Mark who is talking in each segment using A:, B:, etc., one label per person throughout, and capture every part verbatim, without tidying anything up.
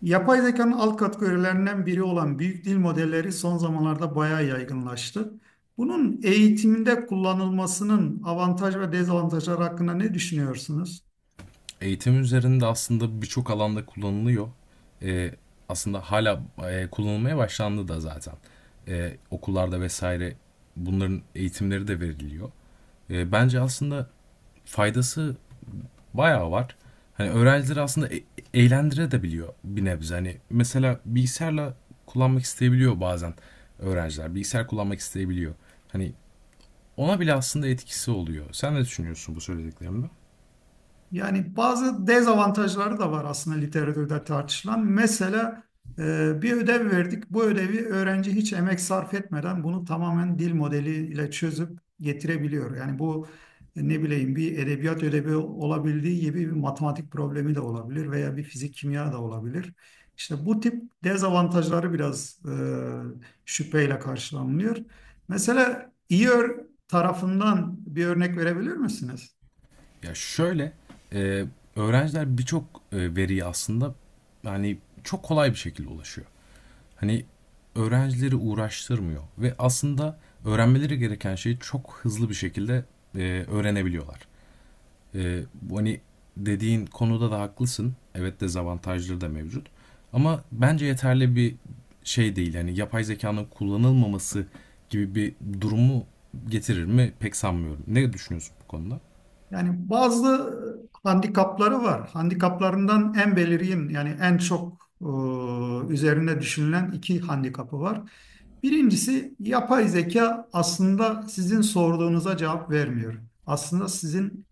A: Yapay zekanın alt kategorilerinden biri olan büyük dil modelleri son zamanlarda bayağı yaygınlaştı. Bunun eğitimde kullanılmasının avantaj ve dezavantajları hakkında ne düşünüyorsunuz?
B: Eğitim üzerinde aslında birçok alanda kullanılıyor. Ee, Aslında hala e, kullanılmaya başlandı da zaten. Ee, okullarda vesaire bunların eğitimleri de veriliyor. Ee, bence aslında faydası bayağı var. Hani öğrencileri aslında e- eğlendire biliyor bir nebze. Hani mesela bilgisayarla kullanmak isteyebiliyor bazen öğrenciler. Bilgisayar kullanmak isteyebiliyor. Hani ona bile aslında etkisi oluyor. Sen ne düşünüyorsun bu söylediklerimde?
A: Yani bazı dezavantajları da var aslında literatürde tartışılan. Mesela e, bir ödev verdik. Bu ödevi öğrenci hiç emek sarf etmeden bunu tamamen dil modeliyle çözüp getirebiliyor. Yani bu e, ne bileyim, bir edebiyat ödevi olabildiği gibi bir matematik problemi de olabilir veya bir fizik kimya da olabilir. İşte bu tip dezavantajları biraz e, şüpheyle karşılanılıyor. Mesela iyi ör- tarafından bir örnek verebilir misiniz?
B: Ya şöyle, e, öğrenciler birçok e, veriye aslında yani çok kolay bir şekilde ulaşıyor. Hani öğrencileri uğraştırmıyor ve aslında öğrenmeleri gereken şeyi çok hızlı bir şekilde e, öğrenebiliyorlar. E, bu hani dediğin konuda da haklısın. Evet, dezavantajları da mevcut. Ama bence yeterli bir şey değil. Yani yapay zekanın kullanılmaması gibi bir durumu getirir mi pek sanmıyorum. Ne düşünüyorsun bu konuda?
A: Yani bazı e, handikapları var. Handikaplarından en belirgin, yani en çok e, üzerine düşünülen iki handikapı var. Birincisi, yapay zeka aslında sizin sorduğunuza cevap vermiyor. Aslında sizin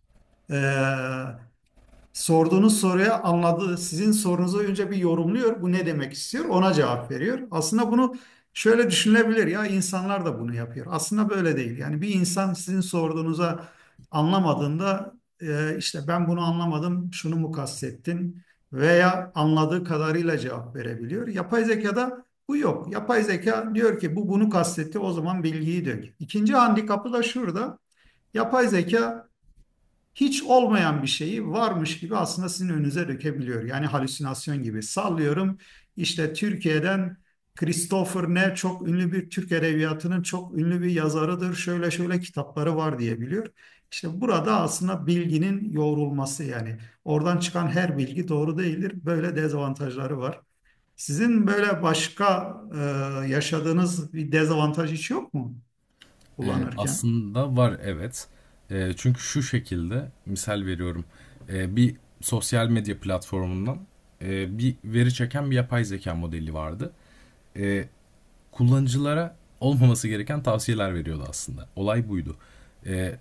A: e, sorduğunuz soruya anladığı, sizin sorunuzu önce bir yorumluyor. Bu ne demek istiyor? Ona cevap veriyor. Aslında bunu şöyle düşünülebilir: ya insanlar da bunu yapıyor. Aslında böyle değil. Yani bir insan sizin sorduğunuza anlamadığında e, işte ben bunu anlamadım, şunu mu kastettin, veya anladığı kadarıyla cevap verebiliyor. Yapay zekada bu yok. Yapay zeka diyor ki bu bunu kastetti, o zaman bilgiyi dök. İkinci handikapı da şurada: yapay zeka hiç olmayan bir şeyi varmış gibi aslında sizin önünüze dökebiliyor. Yani halüsinasyon gibi. Sallıyorum, işte Türkiye'den Christopher Ne çok ünlü bir Türk edebiyatının çok ünlü bir yazarıdır, şöyle şöyle kitapları var diye biliyor. İşte burada aslında bilginin yoğrulması, yani oradan çıkan her bilgi doğru değildir. Böyle dezavantajları var. Sizin böyle başka e, yaşadığınız bir dezavantaj hiç yok mu
B: Ee,
A: kullanırken?
B: aslında var, evet. Ee, çünkü şu şekilde misal veriyorum. Ee, bir sosyal medya platformundan e, bir veri çeken bir yapay zeka modeli vardı. Ee, Kullanıcılara olmaması gereken tavsiyeler veriyordu aslında. Olay buydu. Ee,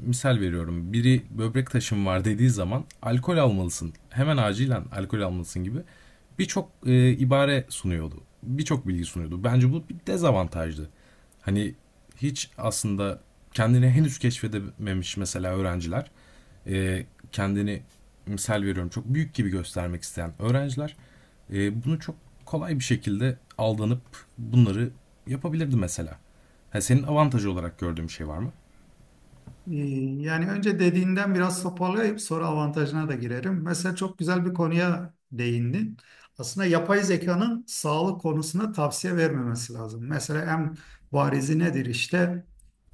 B: Misal veriyorum, biri böbrek taşım var dediği zaman alkol almalısın, hemen acilen alkol almalısın gibi birçok e, ibare sunuyordu. Birçok bilgi sunuyordu. Bence bu bir dezavantajdı. Hani hiç aslında kendini henüz keşfedememiş mesela öğrenciler, e, kendini misal veriyorum çok büyük gibi göstermek isteyen öğrenciler e, bunu çok kolay bir şekilde aldanıp bunları yapabilirdi mesela. Ha, senin avantajı olarak gördüğün bir şey var mı?
A: Ee, Yani önce dediğinden biraz toparlayıp sonra avantajına da girerim. Mesela çok güzel bir konuya değindin. Aslında yapay zekanın sağlık konusunda tavsiye vermemesi lazım. Mesela en barizi nedir işte?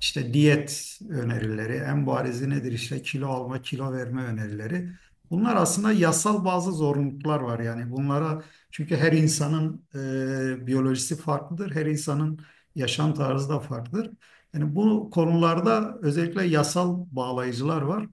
A: İşte diyet önerileri, en barizi nedir işte, kilo alma, kilo verme önerileri. Bunlar aslında yasal bazı zorunluluklar var yani bunlara, çünkü her insanın e, biyolojisi farklıdır, her insanın yaşam tarzı da farklıdır. Yani bu konularda özellikle yasal bağlayıcılar var.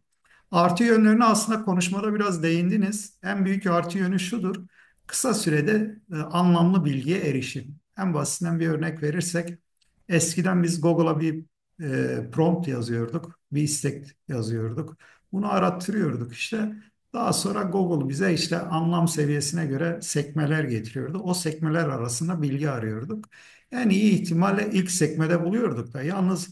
A: Artı yönlerine aslında konuşmada biraz değindiniz. En büyük artı yönü şudur: kısa sürede e, anlamlı bilgiye erişim. En basitinden bir örnek verirsek, eskiden biz Google'a bir e, prompt yazıyorduk, bir istek yazıyorduk. Bunu arattırıyorduk işte. Daha sonra Google bize işte anlam seviyesine göre sekmeler getiriyordu. O sekmeler arasında bilgi arıyorduk. En iyi ihtimalle ilk sekmede buluyorduk da. Yalnız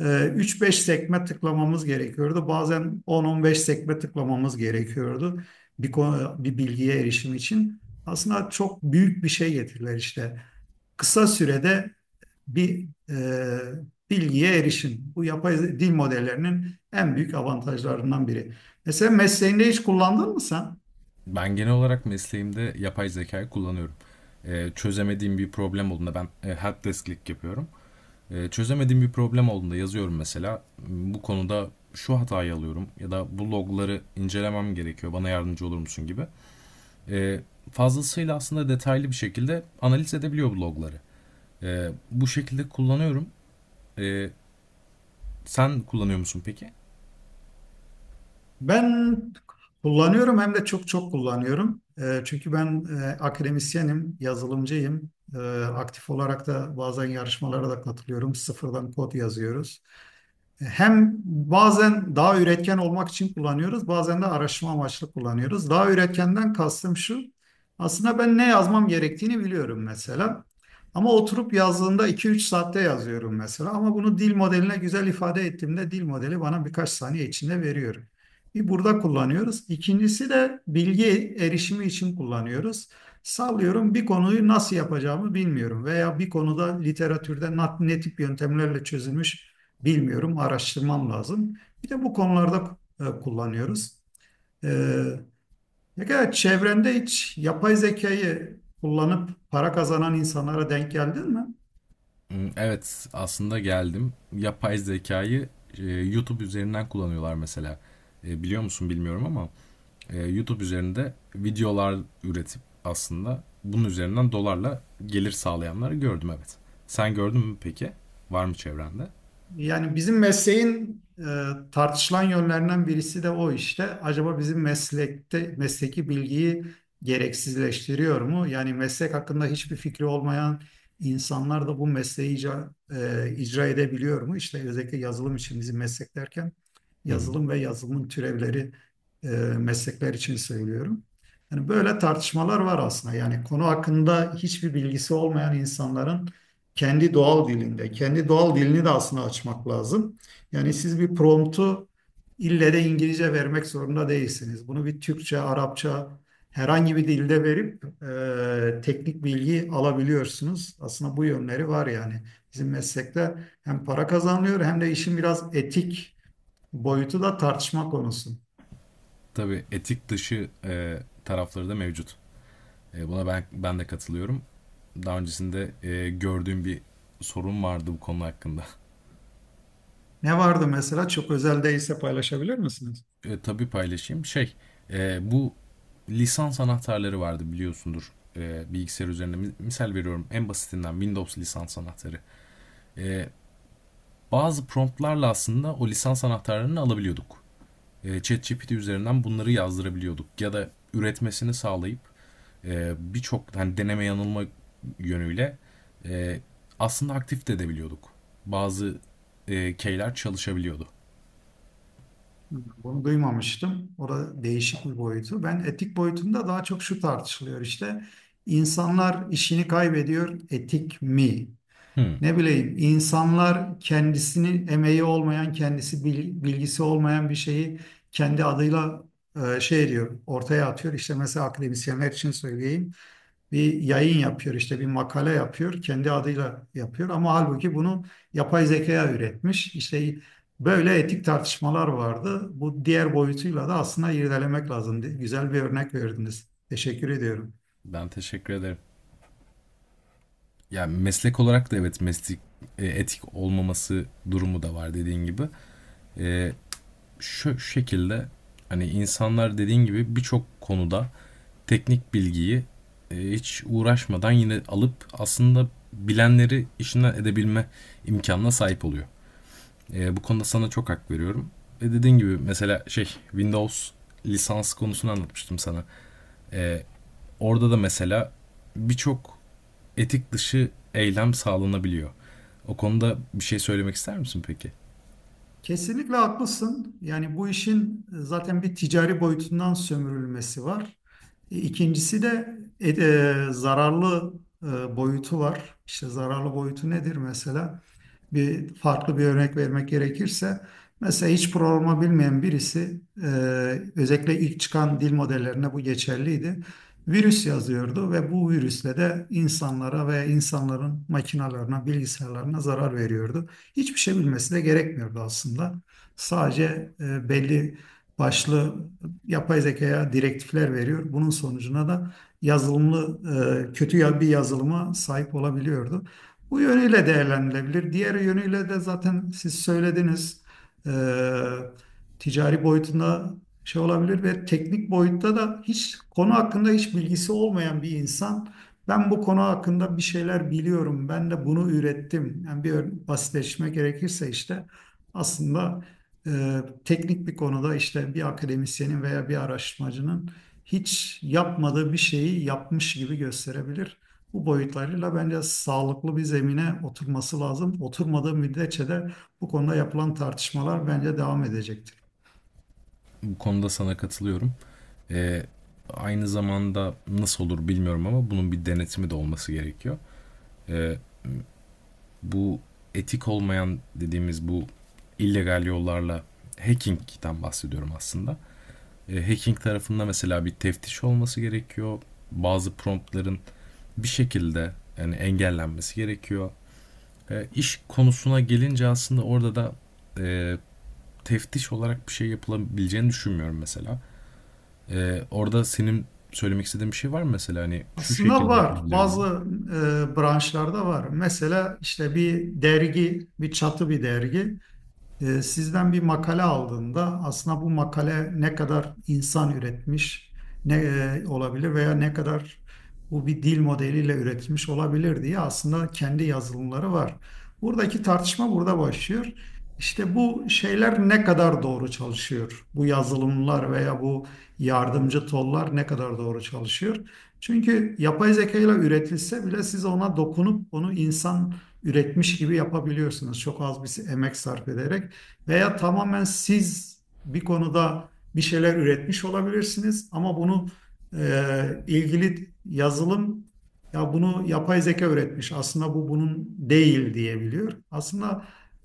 A: ee, üç beş sekme tıklamamız gerekiyordu. Bazen on on beş sekme tıklamamız gerekiyordu bir, konu- bir bilgiye erişim için. Aslında çok büyük bir şey getirdiler işte. Kısa sürede bir e, bilgiye erişim. Bu yapay dil modellerinin en büyük avantajlarından biri. Mesela mesleğinde hiç kullandın mı sen?
B: Ben genel olarak mesleğimde yapay zekayı kullanıyorum. E, çözemediğim bir problem olduğunda ben e, helpdesklik yapıyorum. E, çözemediğim bir problem olduğunda yazıyorum mesela. Bu konuda şu hatayı alıyorum ya da bu logları incelemem gerekiyor. Bana yardımcı olur musun gibi. E, Fazlasıyla aslında detaylı bir şekilde analiz edebiliyor bu logları. E, bu şekilde kullanıyorum. E, Sen kullanıyor musun peki?
A: Ben kullanıyorum, hem de çok çok kullanıyorum. Eee, çünkü ben eee, akademisyenim, yazılımcıyım. Eee, aktif olarak da bazen yarışmalara da katılıyorum. Sıfırdan kod yazıyoruz. Hem bazen daha üretken olmak için kullanıyoruz, bazen de araştırma amaçlı kullanıyoruz. Daha üretkenden kastım şu: aslında ben ne yazmam gerektiğini biliyorum mesela. Ama oturup yazdığında iki üç saatte yazıyorum mesela. Ama bunu dil modeline güzel ifade ettiğimde dil modeli bana birkaç saniye içinde veriyor. Bir, burada kullanıyoruz. İkincisi de bilgi erişimi için kullanıyoruz. Sallıyorum, bir konuyu nasıl yapacağımı bilmiyorum veya bir konuda literatürde nat- ne tip yöntemlerle çözülmüş bilmiyorum, araştırmam lazım. Bir de bu konularda e, kullanıyoruz. Ee, ne kadar çevrende hiç yapay zekayı kullanıp para kazanan insanlara denk geldin mi?
B: Hmm. Evet, aslında geldim. Yapay zekayı e, YouTube üzerinden kullanıyorlar mesela. E, biliyor musun bilmiyorum ama e, YouTube üzerinde videolar üretip aslında bunun üzerinden dolarla gelir sağlayanları gördüm, evet. Sen gördün mü peki? Var mı çevrende?
A: Yani bizim mesleğin e, tartışılan yönlerinden birisi de o işte. Acaba bizim meslekte mesleki bilgiyi gereksizleştiriyor mu? Yani meslek hakkında hiçbir fikri olmayan insanlar da bu mesleği icra, e, icra edebiliyor mu? İşte özellikle yazılım için, bizim meslek derken
B: Hı hı.
A: yazılım ve yazılımın türevleri e, meslekler için söylüyorum. Yani böyle tartışmalar var aslında. Yani konu hakkında hiçbir bilgisi olmayan insanların kendi doğal dilinde. Kendi doğal dilini de aslında açmak lazım. Yani siz bir promptu ille de İngilizce vermek zorunda değilsiniz. Bunu bir Türkçe, Arapça, herhangi bir dilde verip e, teknik bilgi alabiliyorsunuz. Aslında bu yönleri var yani. Bizim meslekte hem para kazanılıyor hem de işin biraz etik boyutu da tartışma konusu.
B: Tabii, etik dışı e, tarafları da mevcut. E, buna ben ben de katılıyorum. Daha öncesinde e, gördüğüm bir sorun vardı bu konu hakkında.
A: Ne vardı mesela? Çok özel değilse paylaşabilir misiniz?
B: E, tabii paylaşayım. Şey, e, bu lisans anahtarları vardı biliyorsundur, e, bilgisayar üzerinde. Misal veriyorum, en basitinden Windows lisans anahtarı. E, Bazı promptlarla aslında o lisans anahtarlarını alabiliyorduk. E, ChatGPT üzerinden bunları yazdırabiliyorduk. Ya da üretmesini sağlayıp e, birçok hani deneme yanılma yönüyle e, aslında aktif de edebiliyorduk. Bazı e, keyler çalışabiliyordu.
A: Bunu duymamıştım. Orada değişik bir boyutu. Ben etik boyutunda daha çok şu tartışılıyor işte: İnsanlar işini kaybediyor, etik mi?
B: Hmm,
A: Ne bileyim, insanlar kendisini emeği olmayan, kendisi bil- bilgisi olmayan bir şeyi kendi adıyla e, şey diyor, ortaya atıyor. İşte mesela akademisyenler için söyleyeyim, bir yayın yapıyor işte, bir makale yapıyor, kendi adıyla yapıyor ama halbuki bunu yapay zekaya üretmiş işte. Böyle etik tartışmalar vardı. Bu diğer boyutuyla da aslında irdelemek lazım. Güzel bir örnek verdiniz, teşekkür ediyorum.
B: ben teşekkür ederim. Ya, meslek olarak da evet, meslek e, etik olmaması durumu da var dediğin gibi. E, şu, şu şekilde hani insanlar dediğin gibi birçok konuda teknik bilgiyi e, hiç uğraşmadan yine alıp aslında bilenleri işinden edebilme imkanına sahip oluyor. E, bu konuda sana çok hak veriyorum. Ve dediğin gibi mesela şey, Windows lisans konusunu anlatmıştım sana. E, Orada da mesela birçok etik dışı eylem sağlanabiliyor. O konuda bir şey söylemek ister misin peki?
A: Kesinlikle haklısın, yani bu işin e, zaten bir ticari boyutundan sömürülmesi var. E, İkincisi de e, e, zararlı e, boyutu var. İşte zararlı boyutu nedir mesela? Bir farklı bir örnek vermek gerekirse, mesela hiç programı bilmeyen birisi e, özellikle ilk çıkan dil modellerine bu geçerliydi. Virüs yazıyordu ve bu virüsle de insanlara ve insanların makinalarına, bilgisayarlarına zarar veriyordu. Hiçbir şey bilmesi de gerekmiyordu aslında. Sadece e, belli başlı yapay zekaya direktifler veriyor. Bunun sonucuna da yazılımlı e, kötü ya- bir yazılıma sahip olabiliyordu. Bu yönüyle değerlendirilebilir. Diğer yönüyle de zaten siz söylediniz eee, ticari boyutunda şey olabilir ve teknik boyutta da hiç konu hakkında hiç bilgisi olmayan bir insan ben bu konu hakkında bir şeyler biliyorum, ben de bunu ürettim. Yani bir ör- basitleşme gerekirse, işte aslında eee, teknik bir konuda, işte bir akademisyenin veya bir araştırmacının hiç yapmadığı bir şeyi yapmış gibi gösterebilir. Bu boyutlarıyla bence sağlıklı bir zemine oturması lazım. Oturmadığı müddetçe de bu konuda yapılan tartışmalar bence devam edecektir.
B: Bu konuda sana katılıyorum. Ee, Aynı zamanda nasıl olur bilmiyorum ama bunun bir denetimi de olması gerekiyor. Ee, Bu etik olmayan dediğimiz bu illegal yollarla hacking'den bahsediyorum aslında. Ee, hacking tarafında mesela bir teftiş olması gerekiyor. Bazı promptların bir şekilde yani engellenmesi gerekiyor. Ee, iş konusuna gelince aslında orada da e, teftiş olarak bir şey yapılabileceğini düşünmüyorum mesela. Ee, orada senin söylemek istediğin bir şey var mı mesela, hani şu
A: Aslında
B: şekilde
A: var.
B: yapılabilir diye?
A: Bazı e, branşlarda var. Mesela işte bir dergi, bir çatı bir dergi. E, Sizden bir makale aldığında aslında bu makale ne kadar insan üretmiş ne e, olabilir veya ne kadar bu bir dil modeliyle üretilmiş olabilir diye aslında kendi yazılımları var. Buradaki tartışma burada başlıyor. İşte bu şeyler ne kadar doğru çalışıyor? Bu yazılımlar veya bu yardımcı tollar ne kadar doğru çalışıyor? Çünkü yapay zeka ile üretilse bile siz ona dokunup onu insan üretmiş gibi yapabiliyorsunuz. Çok az bir emek sarf ederek. Veya tamamen siz bir konuda bir şeyler üretmiş olabilirsiniz ama bunu e, ilgili yazılım ya bunu yapay zeka üretmiş, aslında bu bunun değil diyebiliyor. Aslında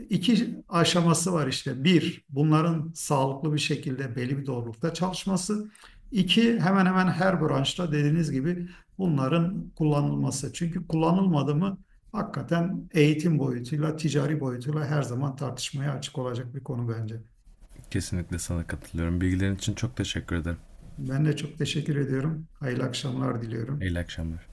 A: iki aşaması var işte. Bir, bunların sağlıklı bir şekilde belli bir doğrulukta çalışması. İki, hemen hemen her branşta dediğiniz gibi bunların kullanılması. Çünkü kullanılmadı mı hakikaten eğitim boyutuyla, ticari boyutuyla her zaman tartışmaya açık olacak bir konu bence.
B: Kesinlikle sana katılıyorum. Bilgilerin için çok teşekkür ederim.
A: Ben de çok teşekkür ediyorum. Hayırlı akşamlar diliyorum.
B: İyi akşamlar.